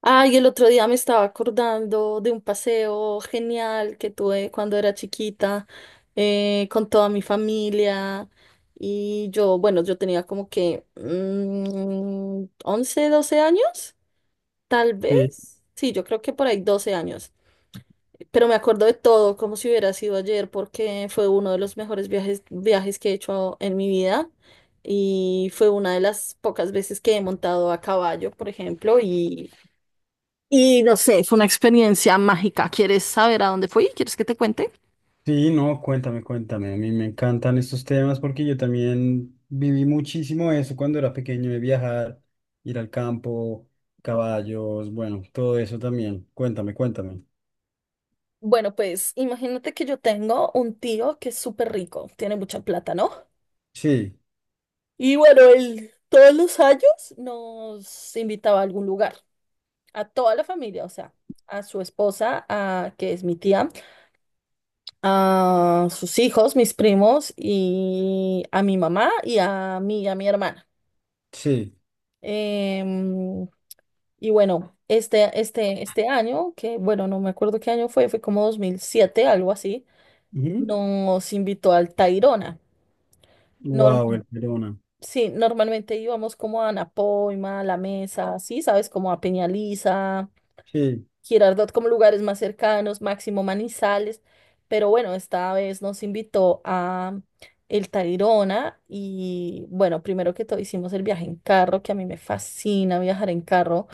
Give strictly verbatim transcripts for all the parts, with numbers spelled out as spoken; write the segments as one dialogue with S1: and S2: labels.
S1: Ay, el otro día me estaba acordando de un paseo genial que tuve cuando era chiquita, eh, con toda mi familia. Y yo, bueno, yo tenía como que mm, once, doce años, tal
S2: Sí,
S1: vez. Sí, yo creo que por ahí doce años. Pero me acuerdo de todo, como si hubiera sido ayer, porque fue uno de los mejores viajes, viajes que he hecho en mi vida. Y fue una de las pocas veces que he montado a caballo, por ejemplo, y no sé, fue una experiencia mágica. ¿Quieres saber a dónde fui? ¿Quieres que te cuente?
S2: sí, no, cuéntame, cuéntame. A mí me encantan estos temas porque yo también viví muchísimo eso cuando era pequeño, de viajar, ir al campo, caballos, bueno, todo eso también. Cuéntame, cuéntame.
S1: Bueno, pues imagínate que yo tengo un tío que es súper rico, tiene mucha plata, ¿no?
S2: Sí,
S1: Y bueno, él todos los años nos invitaba a algún lugar, a toda la familia, o sea, a su esposa, a, que es mi tía, a sus hijos, mis primos, y a mi mamá y a mí y a mi hermana.
S2: sí.
S1: Em, y bueno, este, este, este año, que bueno, no me acuerdo qué año fue, fue como dos mil siete algo así, nos invitó al Tayrona. Norm-
S2: Wow, el Verona.
S1: sí, normalmente íbamos como a Anapoima, La Mesa, sí, sabes, como a Peñaliza,
S2: Sí,
S1: Girardot, como lugares más cercanos, Máximo Manizales, pero bueno, esta vez nos invitó a el Tayrona y bueno, primero que todo hicimos el viaje en carro, que a mí me fascina viajar en carro.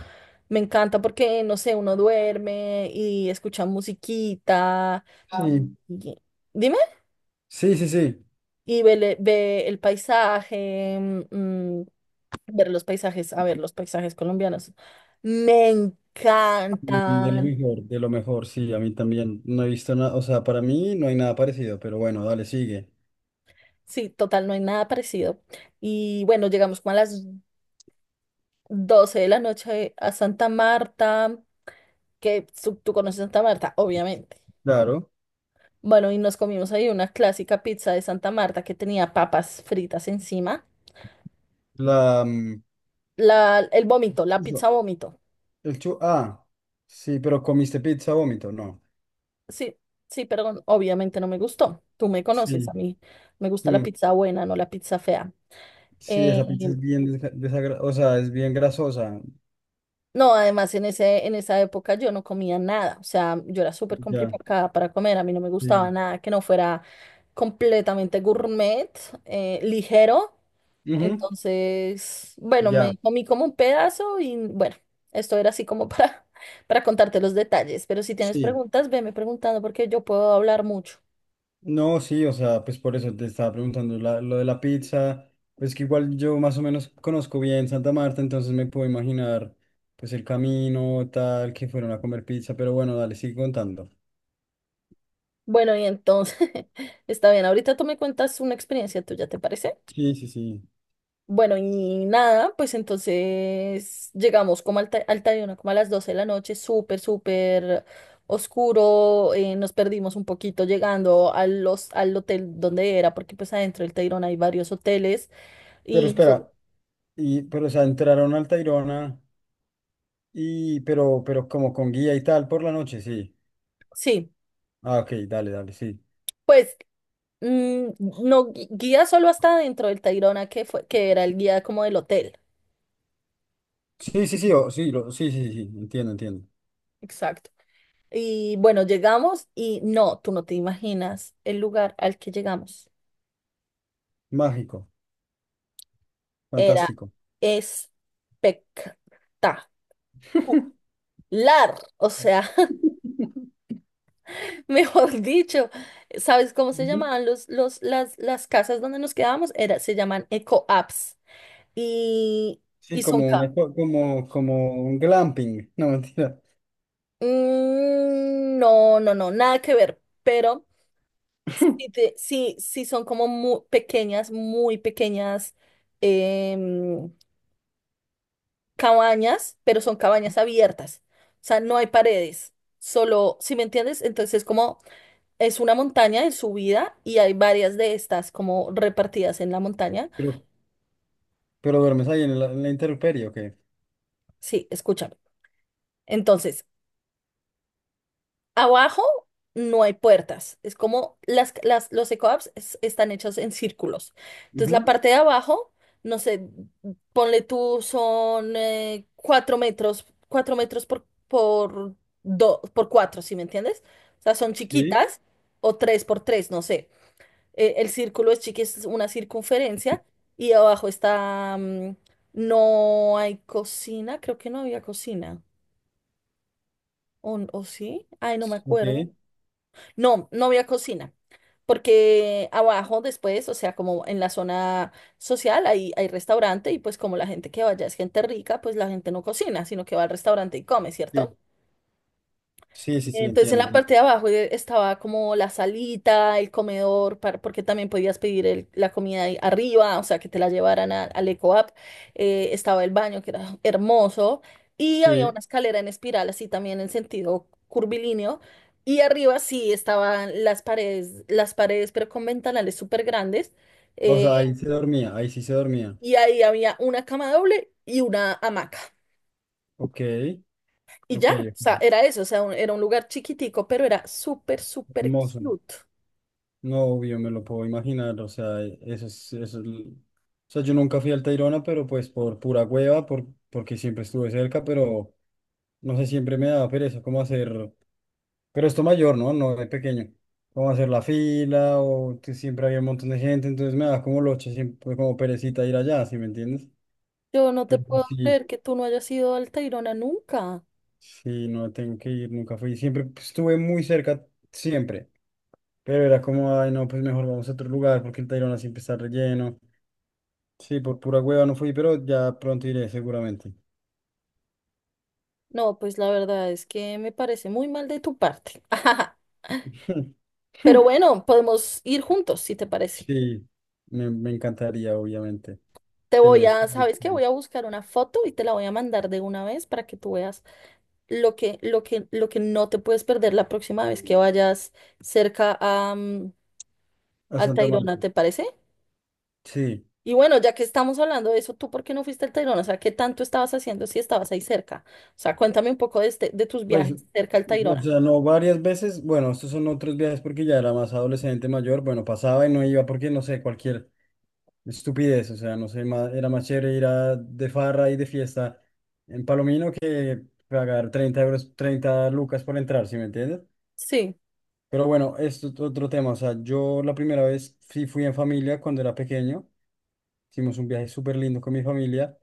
S1: Me encanta porque, no sé, uno duerme y escucha musiquita.
S2: sí,
S1: y- Dime,
S2: sí, sí, sí.
S1: y ve, le- ve el paisaje, mm, ver los paisajes, a ver, los paisajes colombianos. Me
S2: De lo
S1: encantan.
S2: mejor, de lo mejor, sí, a mí también. No he visto nada, o sea, para mí no hay nada parecido, pero bueno, dale, sigue.
S1: Sí, total, no hay nada parecido. Y bueno, llegamos como a las doce de la noche a Santa Marta, que tú, tú conoces Santa Marta, obviamente.
S2: Claro,
S1: Bueno, y nos comimos ahí una clásica pizza de Santa Marta que tenía papas fritas encima.
S2: la... mm,
S1: La, el vómito, la pizza vómito.
S2: El chu, ah, sí, pero comiste pizza vómito, no.
S1: Sí, sí, perdón, obviamente no me gustó. Tú me conoces, a
S2: Sí,
S1: mí me gusta la
S2: mm,
S1: pizza buena, no la pizza fea.
S2: sí,
S1: Eh,
S2: esa pizza es bien desagradable, o sea, es bien grasosa.
S1: no, además en ese, en esa época yo no comía nada, o sea, yo era súper
S2: Ya,
S1: complicada para comer, a mí no me gustaba
S2: sí.
S1: nada que no fuera completamente gourmet, eh, ligero.
S2: Ujú,
S1: Entonces, bueno,
S2: ya,
S1: me comí como un pedazo y bueno, esto era así como para, para contarte los detalles, pero si tienes
S2: sí.
S1: preguntas, veme preguntando porque yo puedo hablar mucho.
S2: No, sí, o sea, pues por eso te estaba preguntando la- lo de la pizza. Pues que igual yo más o menos conozco bien Santa Marta, entonces me puedo imaginar, pues el camino, tal, que fueron a comer pizza, pero bueno, dale, sigue contando.
S1: Bueno, y entonces, está bien, ahorita tú me cuentas una experiencia tuya, ¿te parece?
S2: Sí, sí, sí.
S1: Bueno, y nada, pues entonces llegamos como al, Ta- al Tayrona, como a las doce de la noche, súper, súper oscuro, eh, nos perdimos un poquito llegando a los, al hotel donde era, porque pues adentro del Tayrona hay varios hoteles,
S2: Pero
S1: y noso-
S2: espera, y, pero o sea, entraron al Tayrona. Y, pero, pero como con guía y tal por la noche, sí.
S1: sí,
S2: Ah, ok, dale, dale, sí.
S1: pues mm, no, gui- guía solo hasta dentro del Tayrona, que fue, que era el guía como del hotel.
S2: Sí, sí, sí, o- sí, lo- sí, sí, sí, sí, entiendo, entiendo.
S1: Exacto. Y bueno, llegamos y no, tú no te imaginas el lugar al que llegamos.
S2: Mágico,
S1: Era
S2: fantástico.
S1: espectacular. O sea, mejor dicho, ¿sabes cómo se
S2: Ujú.
S1: llamaban los, los, las, las casas donde nos quedábamos? Era, se llaman eco-apps. Y,
S2: Sí,
S1: y son...
S2: como una,
S1: ca-
S2: co- como, como un glamping, no mentira.
S1: Mm, no, no, no, nada que ver. Pero sí, te- sí, sí son como muy pequeñas, muy pequeñas em, cabañas, pero son cabañas abiertas. O sea, no hay paredes, solo, ¿si me entiendes? Entonces, como es una montaña en subida y hay varias de estas como repartidas en la montaña.
S2: Pero, pero duermes ahí en la, en la intemperie, ok.
S1: Sí, escúchame. Entonces, abajo no hay puertas. Es como las, las, los eco-apps es- están hechos en círculos. Entonces, la
S2: Ujú.
S1: parte de abajo, no sé, ponle tú, son eh, cuatro metros, cuatro metros por, por, do- por cuatro, ¿sí me entiendes? O sea, son
S2: Sí,
S1: chiquitas o tres por tres, no sé. Eh, el círculo es chiqui, es una circunferencia y abajo está, mm, no hay cocina, creo que no había cocina. ¿O, o sí? Ay, no me
S2: ok,
S1: acuerdo. No, no había cocina, porque abajo después, o sea, como en la zona social hay, hay restaurante y pues como la gente que vaya es gente rica, pues la gente no cocina, sino que va al restaurante y come,
S2: sí,
S1: ¿cierto?
S2: sí, sí, sí,
S1: Entonces en
S2: entiendo,
S1: la parte
S2: entiendo.
S1: de abajo eh, estaba como la salita, el comedor, para- porque también podías pedir el- la comida ahí arriba, o sea, que te la llevaran a- al eco App. Eh, estaba el baño, que era hermoso, y había una
S2: Sí,
S1: escalera en espiral, así también en sentido curvilíneo. Y arriba sí estaban las paredes, las paredes, pero con ventanales súper grandes.
S2: o sea,
S1: eh,
S2: ahí se dormía, ahí sí se dormía.
S1: y ahí había una cama doble y una hamaca.
S2: Ok,
S1: Y
S2: ok,
S1: ya, o sea,
S2: ok,
S1: era eso, o sea, un- era un lugar chiquitico, pero era súper, súper
S2: hermoso.
S1: cute.
S2: No, obvio me lo puedo imaginar, o sea, eso es, eso es l- o sea, yo nunca fui al Tayrona, pero pues por pura hueva, por, porque siempre estuve cerca, pero no sé, siempre me daba pereza cómo hacer, pero esto mayor, ¿no? No de pequeño, cómo hacer la fila, o que siempre había un montón de gente, entonces me daba como loche, siempre como perecita ir allá, ¿sí me entiendes?
S1: Yo no te
S2: Pero
S1: puedo
S2: sí,
S1: creer que tú no hayas ido al Tayrona nunca.
S2: sí, no tengo que ir, nunca fui, siempre pues, estuve muy cerca, siempre, pero era como, ay, no, pues mejor vamos a otro lugar, porque el Tayrona siempre está relleno. Sí, por pura hueva no fui, pero ya pronto iré, seguramente.
S1: No, pues la verdad es que me parece muy mal de tu parte. Pero bueno, podemos ir juntos, si te parece.
S2: Sí, me, me encantaría, obviamente.
S1: Te voy
S2: Tenemos que
S1: a,
S2: ir
S1: ¿sabes qué? Voy
S2: sí,
S1: a buscar una foto y te la voy a mandar de una vez para que tú veas lo que, lo que, lo que no te puedes perder la próxima vez que vayas cerca a, mm,
S2: a
S1: al
S2: Santa
S1: Tayrona,
S2: Marta.
S1: ¿te parece?
S2: Sí,
S1: Y bueno, ya que estamos hablando de eso, ¿tú por qué no fuiste al Tayrona? O sea, ¿qué tanto estabas haciendo si estabas ahí cerca? O sea, cuéntame un poco de, este, de tus
S2: pues,
S1: viajes cerca al
S2: o
S1: Tayrona.
S2: sea, no varias veces. Bueno, estos son otros viajes porque ya era más adolescente, mayor. Bueno, pasaba y no iba porque, no sé, cualquier estupidez. O sea, no sé, ma- era más chévere ir a, de farra y de fiesta en Palomino que pagar treinta euros, treinta lucas por entrar, ¿sí me entiendes?
S1: Sí,
S2: Pero bueno, esto es otro tema. O sea, yo la primera vez sí fui en familia cuando era pequeño. Hicimos un viaje súper lindo con mi familia.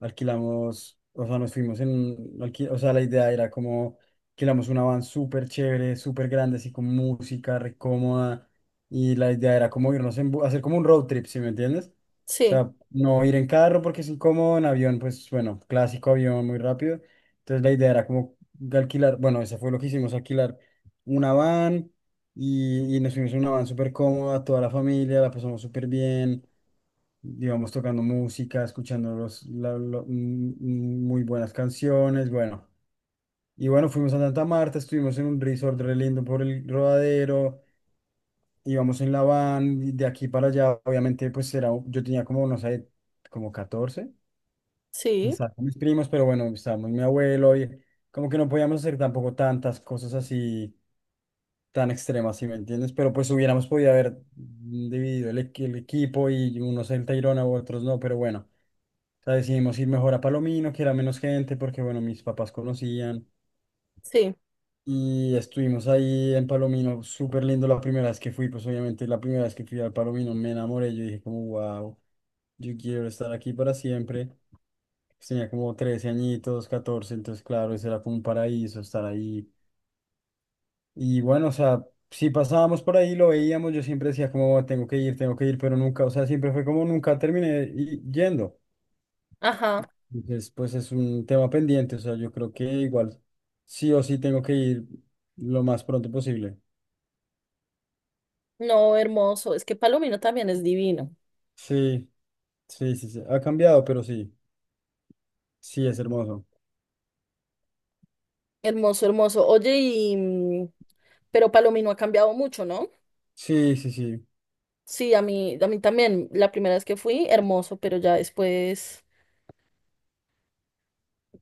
S2: Alquilamos, o sea, nos fuimos en un alqui- o sea, la idea era como alquilamos una van súper chévere, súper grande, así con música, re cómoda. Y la idea era como irnos en, bu- hacer como un road trip, ¿sí me entiendes? O
S1: sí,
S2: sea, no ir en carro porque es incómodo, en avión, pues bueno, clásico avión, muy rápido. Entonces la idea era como de alquilar, bueno, eso fue lo que hicimos, alquilar una van y, y nos fuimos en una van súper cómoda, toda la familia, la pasamos súper bien digamos, tocando música, escuchando los, la- lo- mm, mm, muy buenas canciones, bueno. Y bueno, fuimos a Santa Marta, estuvimos en un resort re lindo por el Rodadero, íbamos en la van, y de aquí para allá, obviamente, pues era, un- yo tenía como, no sé, como catorce y
S1: sí,
S2: estaba con mis primos, pero bueno, estábamos mi abuelo, y como que no podíamos hacer tampoco tantas cosas así tan extremas, ¿si me entiendes? Pero pues hubiéramos podido haber dividido el, equi- el equipo y unos en Tayrona u otros no, pero bueno. O sea, decidimos ir mejor a Palomino, que era menos gente, porque bueno, mis papás conocían.
S1: sí.
S2: Y estuvimos ahí en Palomino, súper lindo la primera vez que fui, pues obviamente la primera vez que fui al Palomino me enamoré, yo dije como, wow, yo quiero estar aquí para siempre. Pues tenía como trece añitos, catorce entonces claro, ese era como un paraíso estar ahí. Y bueno, o sea, si pasábamos por ahí, lo veíamos, yo siempre decía como, tengo que ir, tengo que ir, pero nunca, o sea, siempre fue como, nunca terminé y- yendo.
S1: Ajá.
S2: Entonces, pues es un tema pendiente, o sea, yo creo que igual sí o sí tengo que ir lo más pronto posible.
S1: No, hermoso. Es que Palomino también es divino.
S2: Sí, sí, sí, sí, ha cambiado, pero sí, sí, es hermoso.
S1: Hermoso, hermoso. Oye, y mm, pero Palomino ha cambiado mucho, ¿no?
S2: Sí, sí, sí,
S1: Sí, a mí, a mí también. La primera vez que fui, hermoso, pero ya después,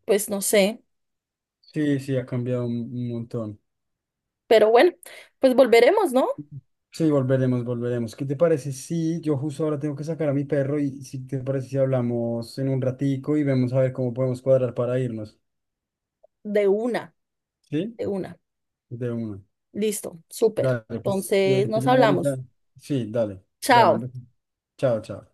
S1: pues no sé.
S2: sí, sí, ha cambiado un, un montón.
S1: Pero bueno, pues volveremos, ¿no?
S2: Sí, volveremos, volveremos. ¿Qué te parece? Sí, yo justo ahora tengo que sacar a mi perro y si te parece si hablamos en un ratico y vemos a ver cómo podemos cuadrar para irnos.
S1: De una,
S2: ¿Sí?
S1: de una.
S2: De una.
S1: Listo, súper.
S2: Dale, pues te,
S1: Entonces,
S2: te
S1: nos
S2: llamo ahorita.
S1: hablamos.
S2: Sí, dale, dale, un
S1: Chao.
S2: beso. Chao, chao.